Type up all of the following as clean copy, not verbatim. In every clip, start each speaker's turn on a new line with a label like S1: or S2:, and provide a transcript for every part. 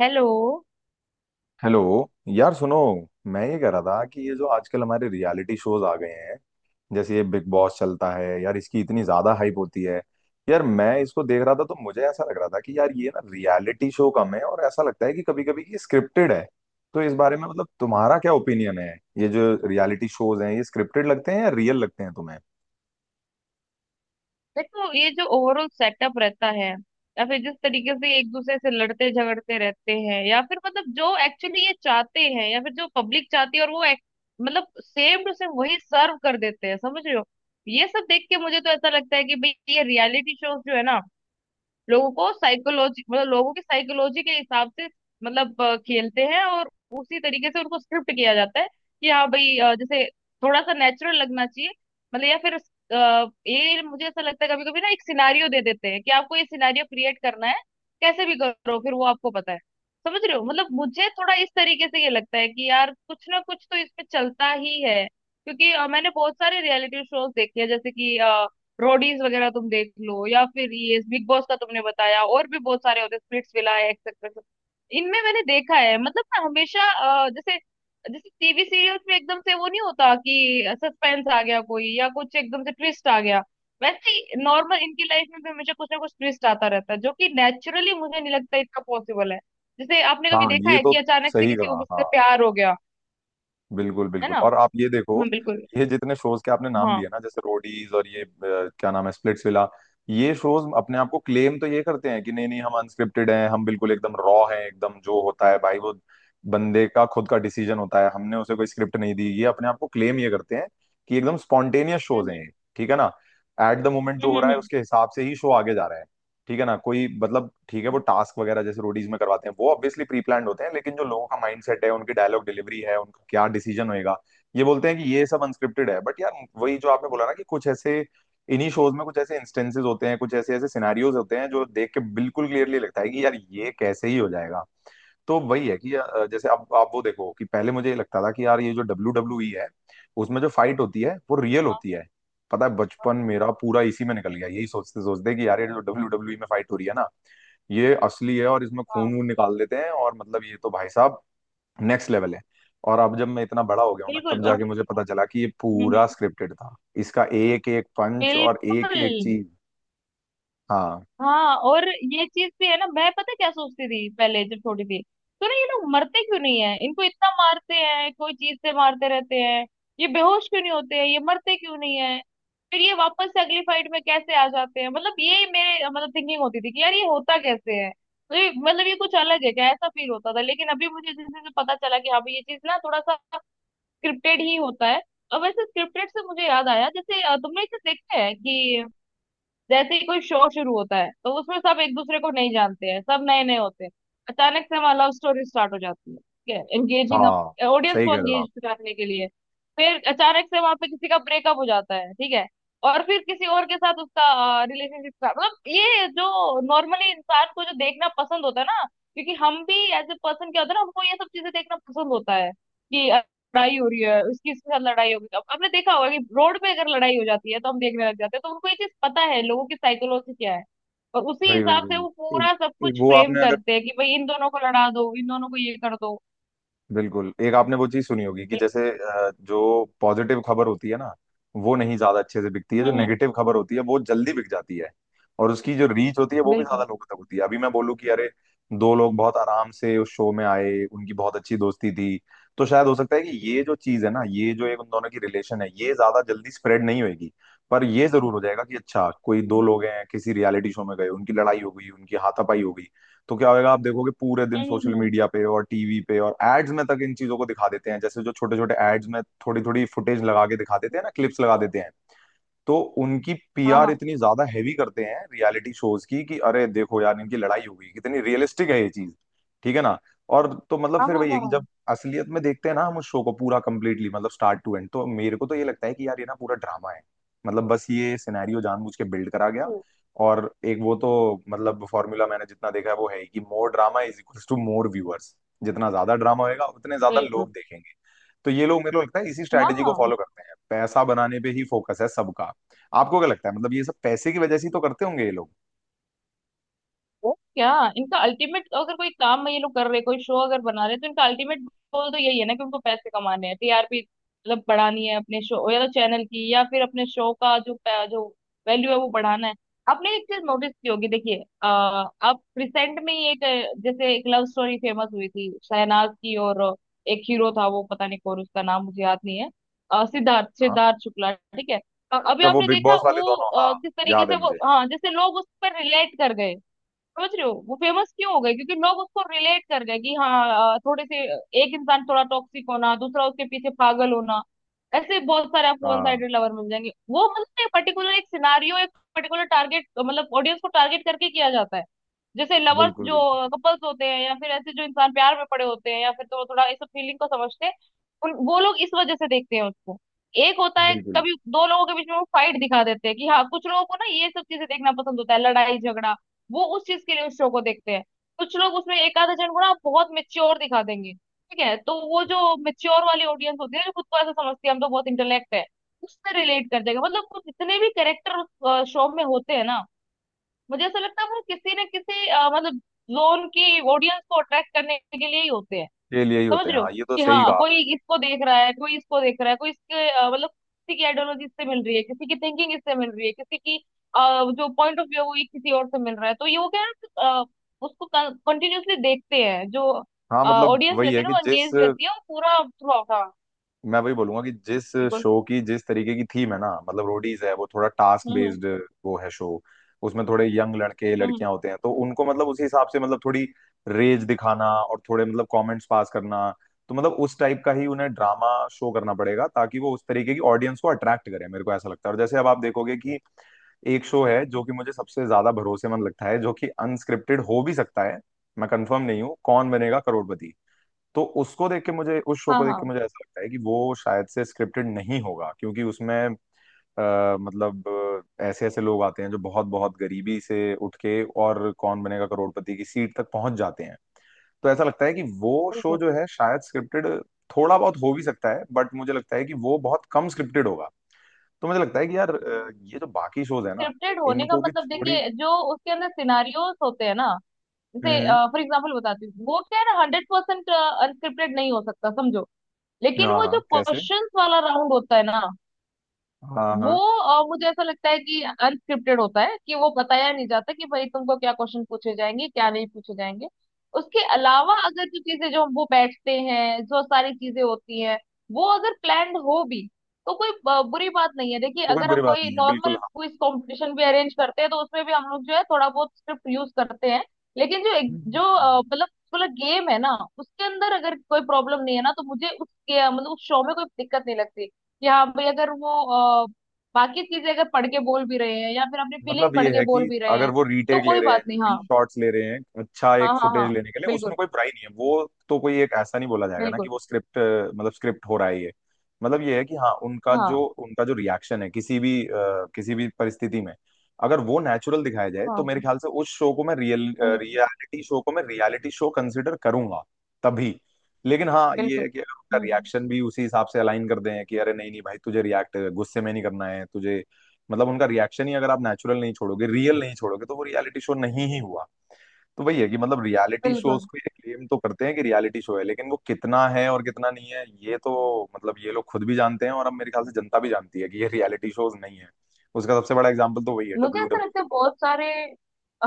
S1: Hello.
S2: Hello. यार सुनो, मैं ये कह रहा था कि ये जो आजकल हमारे रियलिटी शोज आ गए हैं, जैसे ये बिग बॉस चलता है यार, इसकी इतनी ज्यादा हाइप होती है। यार मैं इसको देख रहा था तो मुझे ऐसा लग रहा था कि यार ये ना रियलिटी शो कम है और ऐसा लगता है कि कभी कभी ये स्क्रिप्टेड है। तो इस बारे में मतलब तुम्हारा क्या ओपिनियन है? ये जो रियलिटी शोज हैं, ये स्क्रिप्टेड लगते हैं या रियल लगते हैं तुम्हें?
S1: देखो, ये जो ओवरऑल सेटअप रहता है, या फिर जिस तरीके से एक दूसरे से लड़ते झगड़ते रहते हैं, या फिर मतलब जो एक्चुअली ये चाहते हैं या फिर जो पब्लिक चाहती है, और वो मतलब सेम टू सेम वही सर्व कर देते हैं, समझ रहे हो। ये सब देख के मुझे तो ऐसा लगता है कि भाई ये रियलिटी शोज जो है ना, लोगों को साइकोलॉजी मतलब लोगों की साइकोलॉजी के हिसाब से मतलब खेलते हैं, और उसी तरीके से उनको स्क्रिप्ट किया जाता है कि हाँ भाई, जैसे थोड़ा सा नेचुरल लगना चाहिए। मतलब या फिर ये मुझे ऐसा लगता है, कभी कभी ना एक सिनारियो दे देते हैं कि आपको ये सिनारियो क्रिएट करना है, कैसे भी करो, फिर वो आपको पता है। समझ रहे हो, मतलब मुझे थोड़ा इस तरीके से ये लगता है कि यार कुछ ना कुछ तो इसमें चलता ही है, क्योंकि मैंने बहुत सारे रियलिटी शोज देखे हैं, जैसे कि रोडीज वगैरह तुम देख लो, या फिर ये बिग बॉस का तुमने बताया, और भी बहुत सारे होते हैं, स्प्लिट्स विला है एक्सेट्रा। इनमें मैंने देखा है, मतलब ना हमेशा जैसे जैसे टीवी सीरियल्स में एकदम से वो नहीं होता कि सस्पेंस आ गया कोई या कुछ एकदम से ट्विस्ट आ गया, वैसे ही नॉर्मल इनकी लाइफ में भी हमेशा कुछ ना कुछ ट्विस्ट आता रहता है, जो कि नेचुरली मुझे नहीं लगता इतना पॉसिबल है। जैसे आपने कभी
S2: हाँ,
S1: देखा
S2: ये
S1: है
S2: तो
S1: कि अचानक से
S2: सही
S1: किसी को
S2: कहा,
S1: किसी से
S2: हाँ।
S1: प्यार हो गया।
S2: बिल्कुल
S1: है
S2: बिल्कुल।
S1: ना।
S2: और आप ये देखो,
S1: हाँ बिल्कुल।
S2: ये जितने शोज के आपने नाम
S1: हाँ।
S2: लिए ना, जैसे रोडीज और ये क्या नाम है, स्प्लिट्स विला। ये शोज अपने आप को क्लेम तो ये करते हैं कि नहीं नहीं, हम अनस्क्रिप्टेड हैं, हम बिल्कुल एकदम रॉ हैं, एकदम जो होता है भाई वो बंदे का खुद का डिसीजन होता है, हमने उसे कोई स्क्रिप्ट नहीं दी। ये अपने आप को क्लेम ये करते हैं कि एकदम स्पॉन्टेनियस शोज
S1: हम्म
S2: हैं ये, ठीक है ना। एट द मोमेंट जो
S1: हम्म
S2: हो
S1: हम्म
S2: रहा है
S1: हम्म,
S2: उसके हिसाब से ही शो आगे जा रहा है, ठीक है ना। कोई मतलब, ठीक है वो
S1: हम्म।
S2: टास्क वगैरह जैसे रोडीज में करवाते हैं वो ऑब्वियसली प्री प्लान्ड होते हैं, लेकिन जो लोगों का माइंड सेट है, उनकी डायलॉग डिलीवरी है, उनका क्या डिसीजन होएगा, ये बोलते हैं कि ये सब अनस्क्रिप्टेड है। बट यार वही जो आपने बोला ना, कि कुछ ऐसे इन्हीं शोज में कुछ ऐसे इंस्टेंसेस होते हैं, कुछ ऐसे ऐसे सिनेरियोज होते हैं जो देख के बिल्कुल क्लियरली लगता है कि यार ये कैसे ही हो जाएगा। तो वही है कि जैसे अब आप वो देखो, कि पहले मुझे ये लगता था कि यार ये जो डब्ल्यू डब्ल्यू ई है, उसमें जो फाइट होती है वो रियल
S1: हाँ
S2: होती है। पता है,
S1: हाँ
S2: बचपन मेरा पूरा इसी में निकल गया यही सोचते सोचते कि यार ये जो डब्ल्यू डब्ल्यू ई में फाइट हो रही है ना, ये असली है और इसमें
S1: हाँ,
S2: खून वून निकाल देते हैं, और मतलब ये तो भाई साहब नेक्स्ट लेवल है। और अब जब मैं इतना बड़ा हो गया हूं ना,
S1: बिल्कुल।
S2: तब
S1: और
S2: जाके मुझे पता चला कि ये
S1: हम्म।
S2: पूरा स्क्रिप्टेड था, इसका एक एक पंच और एक
S1: बिल्कुल।
S2: एक चीज। हाँ।
S1: हाँ और ये चीज भी है ना, मैं पता क्या सोचती थी पहले, जब छोटी थी तो ना, ये लोग मरते क्यों नहीं है, इनको इतना मारते हैं कोई चीज से मारते रहते हैं, ये बेहोश क्यों नहीं होते हैं, ये मरते क्यों नहीं है, फिर ये वापस से अगली फाइट में कैसे आ जाते हैं। मतलब ये मेरे मतलब थिंकिंग होती थी कि यार ये होता कैसे है, तो ये मतलब ये कुछ अलग है क्या, ऐसा फील होता था। लेकिन अभी मुझे जैसे जैसे पता चला कि हाँ भाई, ये चीज ना थोड़ा सा स्क्रिप्टेड ही होता है। और वैसे स्क्रिप्टेड से मुझे याद आया, जैसे तुमने इसे देखा है कि जैसे ही कोई शो शुरू होता है तो उसमें सब एक दूसरे को नहीं जानते हैं, सब नए नए होते हैं। अचानक से वहां लव स्टोरी स्टार्ट हो जाती है, ठीक है, एंगेजिंग
S2: हाँ,
S1: अप, ऑडियंस
S2: सही
S1: को
S2: कह रहे हो आप।
S1: एंगेज करने के लिए। फिर अचानक से वहां पे किसी का ब्रेकअप हो जाता है, ठीक है, और फिर किसी और के साथ उसका रिलेशनशिप का मतलब ये जो नॉर्मली इंसान को जो देखना पसंद होता है ना, क्योंकि हम भी एज ए पर्सन क्या होता है ना, हमको ये सब चीजें देखना पसंद होता है कि लड़ाई हो रही है, उसकी इसके साथ लड़ाई हो गई। तो अब आपने देखा होगा कि रोड पे अगर लड़ाई हो जाती है तो हम देखने लग जाते हैं, तो उनको ये चीज पता है लोगों की साइकोलॉजी क्या है, और उसी
S2: वही वही
S1: हिसाब से
S2: वही,
S1: वो
S2: एक-
S1: पूरा सब
S2: एक
S1: कुछ
S2: वो
S1: फ्रेम
S2: आपने अगर,
S1: करते हैं कि भाई इन दोनों को लड़ा दो, इन दोनों को ये कर दो।
S2: बिल्कुल, एक आपने वो चीज सुनी होगी कि
S1: बिल्कुल।
S2: जैसे जो पॉजिटिव खबर होती है ना, वो नहीं ज्यादा अच्छे से बिकती है,
S1: हम्म
S2: जो
S1: हम्म,
S2: नेगेटिव खबर होती है वो जल्दी बिक जाती है। और उसकी जो रीच होती है वो भी ज्यादा
S1: बिल्कुल।
S2: लोगों तक होती है। अभी मैं बोलूँ कि अरे, दो लोग बहुत आराम से उस शो में आए, उनकी बहुत अच्छी दोस्ती थी, तो शायद हो सकता है कि ये जो चीज है ना, ये जो एक उन दोनों की रिलेशन है, ये ज्यादा जल्दी स्प्रेड नहीं होगी। पर ये जरूर हो जाएगा कि अच्छा कोई दो
S1: हम्म
S2: लोग हैं, किसी रियलिटी शो में गए, उनकी लड़ाई हो गई, उनकी हाथापाई हो गई, तो क्या होगा, आप देखोगे पूरे दिन
S1: हम्म हम्म,
S2: सोशल
S1: हम्म।
S2: मीडिया पे और टीवी पे और एड्स में तक इन चीजों को दिखा देते हैं, जैसे जो छोटे छोटे एड्स में थोड़ी थोड़ी फुटेज लगा के दिखा देते हैं ना, क्लिप्स लगा देते हैं। तो उनकी
S1: हाँ
S2: पीआर
S1: हाँ
S2: इतनी ज्यादा हैवी करते हैं रियलिटी शोज की, कि अरे देखो यार इनकी लड़ाई हो गई, कितनी रियलिस्टिक है ये चीज, ठीक है ना। और तो मतलब
S1: हाँ
S2: फिर
S1: हाँ
S2: वही है
S1: हाँ
S2: कि
S1: हाँ,
S2: जब असलियत में देखते हैं ना हम उस शो को पूरा कंप्लीटली मतलब स्टार्ट टू एंड, तो मेरे को तो ये लगता है कि यार ये ना पूरा ड्रामा है। मतलब बस ये सिनेरियो जानबूझ के बिल्ड करा गया। और एक वो तो मतलब फॉर्मूला मैंने जितना देखा है, वो है ही कि more drama is equals to more viewers. जितना ज्यादा ड्रामा होएगा उतने ज्यादा लोग
S1: बिल्कुल।
S2: देखेंगे, तो ये लोग मेरे को लगता है इसी
S1: हाँ
S2: स्ट्रैटेजी को
S1: हाँ।
S2: फॉलो करते हैं। पैसा बनाने पे ही फोकस है सबका। आपको क्या लगता है, मतलब ये सब पैसे की वजह से ही तो करते होंगे ये लोग?
S1: वो क्या, इनका अल्टीमेट अगर कोई काम में ये लोग कर रहे, कोई शो अगर बना रहे, तो इनका अल्टीमेट गोल तो यही है ना कि उनको पैसे कमाने हैं, टीआरपी मतलब बढ़ानी है अपने शो या तो चैनल की, या फिर अपने शो का जो जो वैल्यू है वो बढ़ाना है। आपने एक चीज नोटिस की होगी, देखिए, अ, अब रिसेंट में ही एक जैसे एक लव स्टोरी फेमस हुई थी शहनाज की, और एक हीरो था, वो पता नहीं कौन, उसका नाम मुझे याद नहीं है। सिद्धार्थ
S2: हाँ।
S1: सिद्धार्थ शुक्ला, ठीक है। अभी
S2: अच्छा, वो
S1: आपने
S2: बिग
S1: देखा
S2: बॉस वाले
S1: वो,
S2: दोनों, हाँ
S1: किस तरीके
S2: याद है
S1: से वो,
S2: मुझे।
S1: हाँ जैसे लोग उस पर रिलेट कर गए। समझ रहे हो, वो फेमस क्यों हो गई, क्योंकि लोग उसको रिलेट कर गए कि हाँ, थोड़े से एक इंसान थोड़ा टॉक्सिक होना, दूसरा उसके पीछे पागल होना। ऐसे बहुत सारे आपको वन
S2: हाँ।
S1: साइडेड लवर मिल जाएंगे, वो मतलब एक पर्टिकुलर, एक सिनारियो, एक पर्टिकुलर टारगेट मतलब ऑडियंस को टारगेट करके किया जाता है, जैसे लवर्स
S2: बिल्कुल
S1: जो
S2: बिल्कुल।
S1: कपल्स होते हैं, या फिर ऐसे जो इंसान प्यार में पड़े होते हैं, या फिर तो थोड़ा इस फीलिंग को समझते हैं, उन, वो लोग इस वजह से देखते हैं उसको। एक होता है
S2: बिल्कुल,
S1: कभी दो लोगों के बीच में वो फाइट दिखा देते हैं कि हाँ, कुछ लोगों को ना ये सब चीजें देखना पसंद होता है, लड़ाई झगड़ा, वो उस चीज के लिए उस शो को देखते हैं। कुछ लोग उसमें एक आधे जन को ना बहुत मेच्योर दिखा देंगे, ठीक है, तो वो जो मेच्योर वाली ऑडियंस होती है ना, जो खुद को ऐसा समझती है हम तो बहुत इंटेलेक्ट है, उससे रिलेट कर जाएगा। मतलब कुछ जितने भी कैरेक्टर उस शो में होते हैं ना, मुझे ऐसा लगता है वो किसी न किसी मतलब जोन की ऑडियंस को अट्रैक्ट करने के लिए ही होते हैं।
S2: ये लिए ही
S1: समझ
S2: होते हैं,
S1: रहे हो,
S2: हाँ ये तो
S1: कि
S2: सही
S1: हाँ,
S2: कहा आपने।
S1: कोई इसको देख रहा है, कोई इसको देख रहा है, कोई इसके मतलब किसी की आइडियोलॉजी इससे मिल रही है, किसी की थिंकिंग इससे मिल रही है, किसी की अ, जो पॉइंट ऑफ व्यू है वो ये किसी और से मिल रहा है, तो ये वो क्या है ना, उसको कंटिन्यूअसली देखते हैं। जो
S2: हाँ मतलब
S1: ऑडियंस
S2: वही
S1: रहती है
S2: है
S1: ना,
S2: कि
S1: वो
S2: जिस
S1: एंगेज रहती है, और पूरा थ्रू आउट। हाँ
S2: मैं वही बोलूंगा कि जिस
S1: बिल्कुल।
S2: शो की जिस तरीके की थीम है ना, मतलब रोडीज है वो थोड़ा टास्क
S1: हम्म।
S2: बेस्ड, वो है शो, उसमें थोड़े यंग लड़के
S1: हम्म।
S2: लड़कियां होते हैं, तो उनको मतलब उसी हिसाब से मतलब थोड़ी रेज दिखाना और थोड़े मतलब कमेंट्स पास करना, तो मतलब उस टाइप का ही उन्हें ड्रामा शो करना पड़ेगा ताकि वो उस तरीके की ऑडियंस को अट्रैक्ट करे, मेरे को ऐसा लगता है। और जैसे अब आप देखोगे कि एक शो है जो कि मुझे सबसे ज्यादा भरोसेमंद लगता है, जो कि अनस्क्रिप्टेड हो भी सकता है, मैं कंफर्म नहीं हूँ, कौन बनेगा करोड़पति। तो उसको देख के मुझे, उस शो
S1: हाँ
S2: को देख
S1: हाँ।
S2: के मुझे ऐसा लगता है कि वो शायद से स्क्रिप्टेड नहीं होगा, क्योंकि उसमें मतलब ऐसे ऐसे लोग आते हैं जो बहुत बहुत गरीबी से उठ के और कौन बनेगा करोड़पति की सीट तक पहुंच जाते हैं। तो ऐसा लगता है कि वो शो
S1: बिल्कुल।
S2: जो है शायद स्क्रिप्टेड थोड़ा बहुत हो भी सकता है, बट मुझे लगता है कि वो बहुत कम स्क्रिप्टेड होगा। तो मुझे लगता है कि यार ये जो बाकी शोज है ना,
S1: स्क्रिप्टेड होने का
S2: इनको भी
S1: मतलब,
S2: थोड़ी
S1: देखिए, जो उसके अंदर सिनारियोस होते हैं ना,
S2: हम्म
S1: जैसे
S2: हम्म,
S1: फॉर एग्जाम्पल बताती हूँ, वो क्या है ना, हंड्रेड परसेंट अनस्क्रिप्टेड नहीं हो सकता, समझो। लेकिन
S2: हाँ
S1: वो जो
S2: हाँ, कैसे।
S1: क्वेश्चंस वाला राउंड होता है ना,
S2: हाँ
S1: वो
S2: हाँ।
S1: मुझे ऐसा लगता है कि अनस्क्रिप्टेड होता है कि वो बताया नहीं जाता कि भाई तुमको क्या क्वेश्चन पूछे जाएंगे क्या नहीं पूछे जाएंगे। उसके अलावा अगर जो चीजें जो हम वो बैठते हैं, जो सारी चीजें होती हैं, वो अगर प्लान्ड हो भी, तो कोई बुरी बात नहीं है। देखिए,
S2: तो कोई
S1: अगर
S2: बुरी
S1: हम
S2: बात
S1: कोई
S2: नहीं है, बिल्कुल,
S1: नॉर्मल
S2: हाँ।
S1: क्विज कंपटीशन भी अरेंज करते हैं तो उसमें भी हम लोग जो है थोड़ा बहुत स्क्रिप्ट यूज करते हैं। लेकिन जो एक, जो
S2: हम्म।
S1: मतलब पूरा गेम है ना, उसके अंदर अगर कोई प्रॉब्लम नहीं है ना, तो मुझे उसके मतलब उस शो में कोई दिक्कत नहीं लगती। कि हाँ भाई, अगर वो बाकी चीजें अगर पढ़ के बोल भी रहे हैं या फिर अपनी फीलिंग
S2: मतलब
S1: पढ़
S2: ये
S1: के
S2: है
S1: बोल
S2: कि
S1: भी रहे
S2: अगर
S1: हैं
S2: वो
S1: तो
S2: रीटेक ले
S1: कोई
S2: रहे हैं,
S1: बात नहीं। हाँ
S2: रीशॉट्स ले रहे हैं, अच्छा
S1: हाँ
S2: एक
S1: हाँ
S2: फुटेज
S1: हाँ
S2: लेने के लिए, उसमें
S1: बिल्कुल
S2: कोई बुराई नहीं है, वो तो कोई एक ऐसा नहीं बोला जाएगा ना कि
S1: बिल्कुल।
S2: वो स्क्रिप्ट, मतलब स्क्रिप्ट हो रहा है ये। मतलब ये है कि हाँ, उनका
S1: हाँ
S2: जो उनका जो रिएक्शन है किसी भी किसी भी परिस्थिति में, अगर वो नेचुरल दिखाया जाए, तो
S1: हाँ।
S2: मेरे ख्याल से उस शो को मैं रियल,
S1: हम्म,
S2: रियलिटी शो को मैं रियलिटी शो कंसिडर करूंगा तभी। लेकिन हाँ ये
S1: बिल्कुल।
S2: है कि अगर उनका
S1: हम्म।
S2: रिएक्शन भी उसी हिसाब से अलाइन कर दें कि अरे नहीं नहीं भाई, तुझे रिएक्ट गुस्से में नहीं करना है तुझे, मतलब उनका रिएक्शन ही अगर आप नेचुरल नहीं छोड़ोगे, रियल नहीं छोड़ोगे, तो वो रियलिटी शो नहीं ही हुआ। तो वही है कि मतलब रियलिटी शोज
S1: बिल्कुल।
S2: को ये क्लेम तो करते हैं कि रियलिटी शो है, लेकिन वो कितना है और कितना नहीं है ये तो मतलब ये लोग खुद भी जानते हैं, और अब मेरे ख्याल से जनता भी जानती है कि ये रियलिटी शोज नहीं है। उसका सबसे बड़ा एग्जाम्पल तो वही है
S1: मुझे
S2: डब्ल्यू
S1: ऐसा लगता
S2: डब्ल्यू।
S1: है बहुत सारे,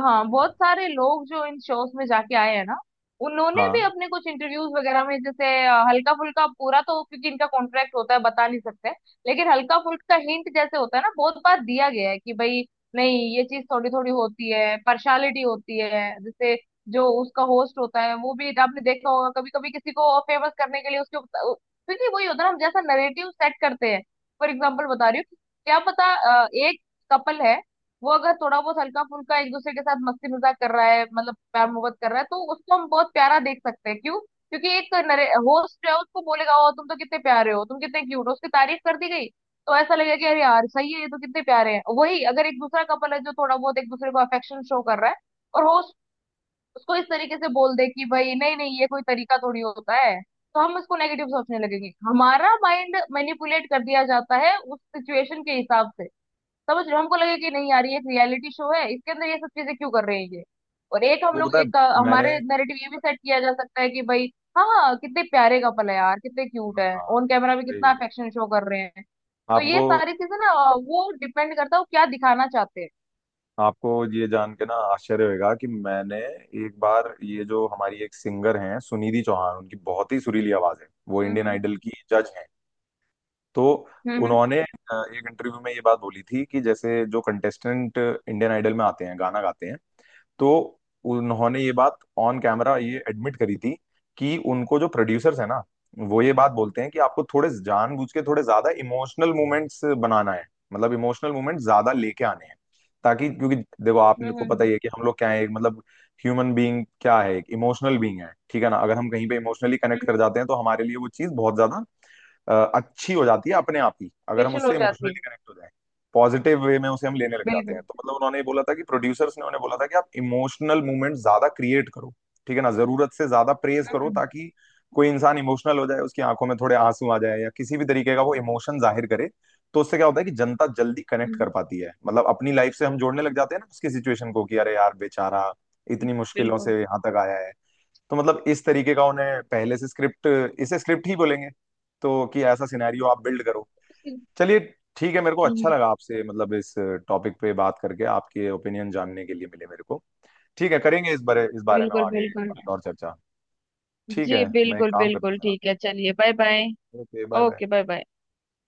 S1: हाँ बहुत सारे लोग जो इन शोज में जाके आए हैं ना, उन्होंने
S2: हाँ।
S1: भी अपने कुछ इंटरव्यूज वगैरह में जैसे हल्का फुल्का, पूरा तो क्योंकि इनका कॉन्ट्रैक्ट होता है बता नहीं सकते, लेकिन हल्का फुल्का हिंट जैसे होता है ना, बहुत बार दिया गया है कि भाई नहीं, ये चीज थोड़ी थोड़ी होती है, पर्सनालिटी होती है। जैसे जो उसका होस्ट होता है, वो भी आपने देखा होगा कभी कभी किसी को फेमस करने के लिए उसके ऊपर, क्योंकि वही होता है ना, हम जैसा नरेटिव सेट करते हैं। फॉर एग्जाम्पल बता रही हूँ, क्या पता, एक कपल है, वो अगर थोड़ा बहुत हल्का फुल्का एक दूसरे के साथ मस्ती मजाक कर रहा है, मतलब प्यार मोहब्बत कर रहा है, तो उसको हम बहुत प्यारा देख सकते हैं, क्यों, क्योंकि एक होस्ट है, उसको बोलेगा ओ तुम तो कितने प्यारे हो, तुम कितने क्यूट हो, उसकी तारीफ कर दी गई, तो ऐसा लगेगा कि अरे यार सही है ये तो, कितने प्यारे हैं। वही अगर एक दूसरा कपल है जो थोड़ा बहुत एक दूसरे को अफेक्शन शो कर रहा है, और होस्ट उसको इस तरीके से बोल दे कि भाई नहीं नहीं ये कोई तरीका थोड़ी होता है, तो हम उसको नेगेटिव सोचने लगेंगे, हमारा माइंड मैनिपुलेट कर दिया जाता है उस सिचुएशन के हिसाब से। समझ रहे हो, हमको लगे कि नहीं यार, ये एक रियलिटी शो है, इसके अंदर ये सब चीजें क्यों कर रहे हैं ये। और एक हम
S2: वो
S1: लोग
S2: पता है,
S1: एक
S2: मैंने,
S1: हमारे नैरेटिव ये भी सेट किया जा सकता है कि भाई हाँ हाँ कितने प्यारे कपल है यार, कितने क्यूट है,
S2: हाँ
S1: ऑन कैमरा भी
S2: सही कह
S1: कितना
S2: रहे हो।
S1: अफेक्शन शो कर रहे हैं। तो
S2: आपको,
S1: ये सारी चीजें ना वो डिपेंड करता है वो क्या दिखाना चाहते हैं।
S2: आपको ये जान के ना आश्चर्य होगा कि मैंने एक बार, ये जो हमारी एक सिंगर हैं सुनिधि चौहान, उनकी बहुत ही सुरीली आवाज है, वो इंडियन
S1: हम्म
S2: आइडल की जज हैं। तो
S1: हम्म
S2: उन्होंने एक इंटरव्यू में ये बात बोली थी कि जैसे जो कंटेस्टेंट इंडियन आइडल में आते हैं गाना गाते हैं, तो उन्होंने ये बात ऑन कैमरा ये एडमिट करी थी कि उनको जो प्रोड्यूसर्स है ना, वो ये बात बोलते हैं कि आपको थोड़े जानबूझ के थोड़े ज्यादा इमोशनल मोमेंट्स बनाना है, मतलब इमोशनल मोमेंट्स ज्यादा लेके आने हैं, ताकि क्योंकि देखो आपने
S1: हम्म
S2: को पता
S1: हम्म
S2: ही है कि हम लोग क्या है, एक मतलब ह्यूमन बीइंग क्या है, एक इमोशनल बीइंग है, ठीक है ना। अगर हम कहीं पे इमोशनली कनेक्ट कर
S1: हम्म
S2: जाते हैं तो हमारे लिए वो चीज बहुत ज्यादा अच्छी हो जाती है अपने आप ही, अगर हम
S1: स्पेशल हो
S2: उससे
S1: जाती है।
S2: इमोशनली कनेक्ट हो जाए पॉजिटिव वे में, उसे हम लेने लग जाते हैं।
S1: बिल्कुल।
S2: तो मतलब उन्होंने ये बोला था कि प्रोड्यूसर्स ने उन्हें बोला था कि आप इमोशनल मूवमेंट ज्यादा क्रिएट करो, ठीक है ना, जरूरत से ज्यादा प्रेज करो,
S1: हम्म
S2: ताकि कोई इंसान इमोशनल हो जाए, उसकी आंखों में थोड़े आंसू आ जाए, या किसी भी तरीके का वो इमोशन जाहिर करे। तो उससे क्या होता है कि जनता जल्दी कनेक्ट
S1: हम्म,
S2: कर पाती है, मतलब अपनी लाइफ से हम जोड़ने लग जाते हैं ना उसकी सिचुएशन को, कि अरे यार बेचारा इतनी मुश्किलों
S1: बिल्कुल।
S2: से यहाँ तक आया है। तो मतलब इस तरीके का उन्हें पहले से स्क्रिप्ट, इसे स्क्रिप्ट ही बोलेंगे, तो कि ऐसा सिनेरियो आप बिल्ड करो। चलिए, ठीक है, मेरे को अच्छा
S1: हम्म,
S2: लगा आपसे मतलब इस टॉपिक पे बात करके, आपके ओपिनियन जानने के लिए मिले मेरे को। ठीक है, करेंगे इस बारे, इस बारे में
S1: बिल्कुल
S2: आगे
S1: बिल्कुल।
S2: कभी और चर्चा। ठीक
S1: जी
S2: है, मैं एक
S1: बिल्कुल
S2: काम करता हूँ
S1: बिल्कुल,
S2: जरा।
S1: ठीक है, चलिए bye bye.
S2: Okay, bye bye.
S1: Okay bye bye.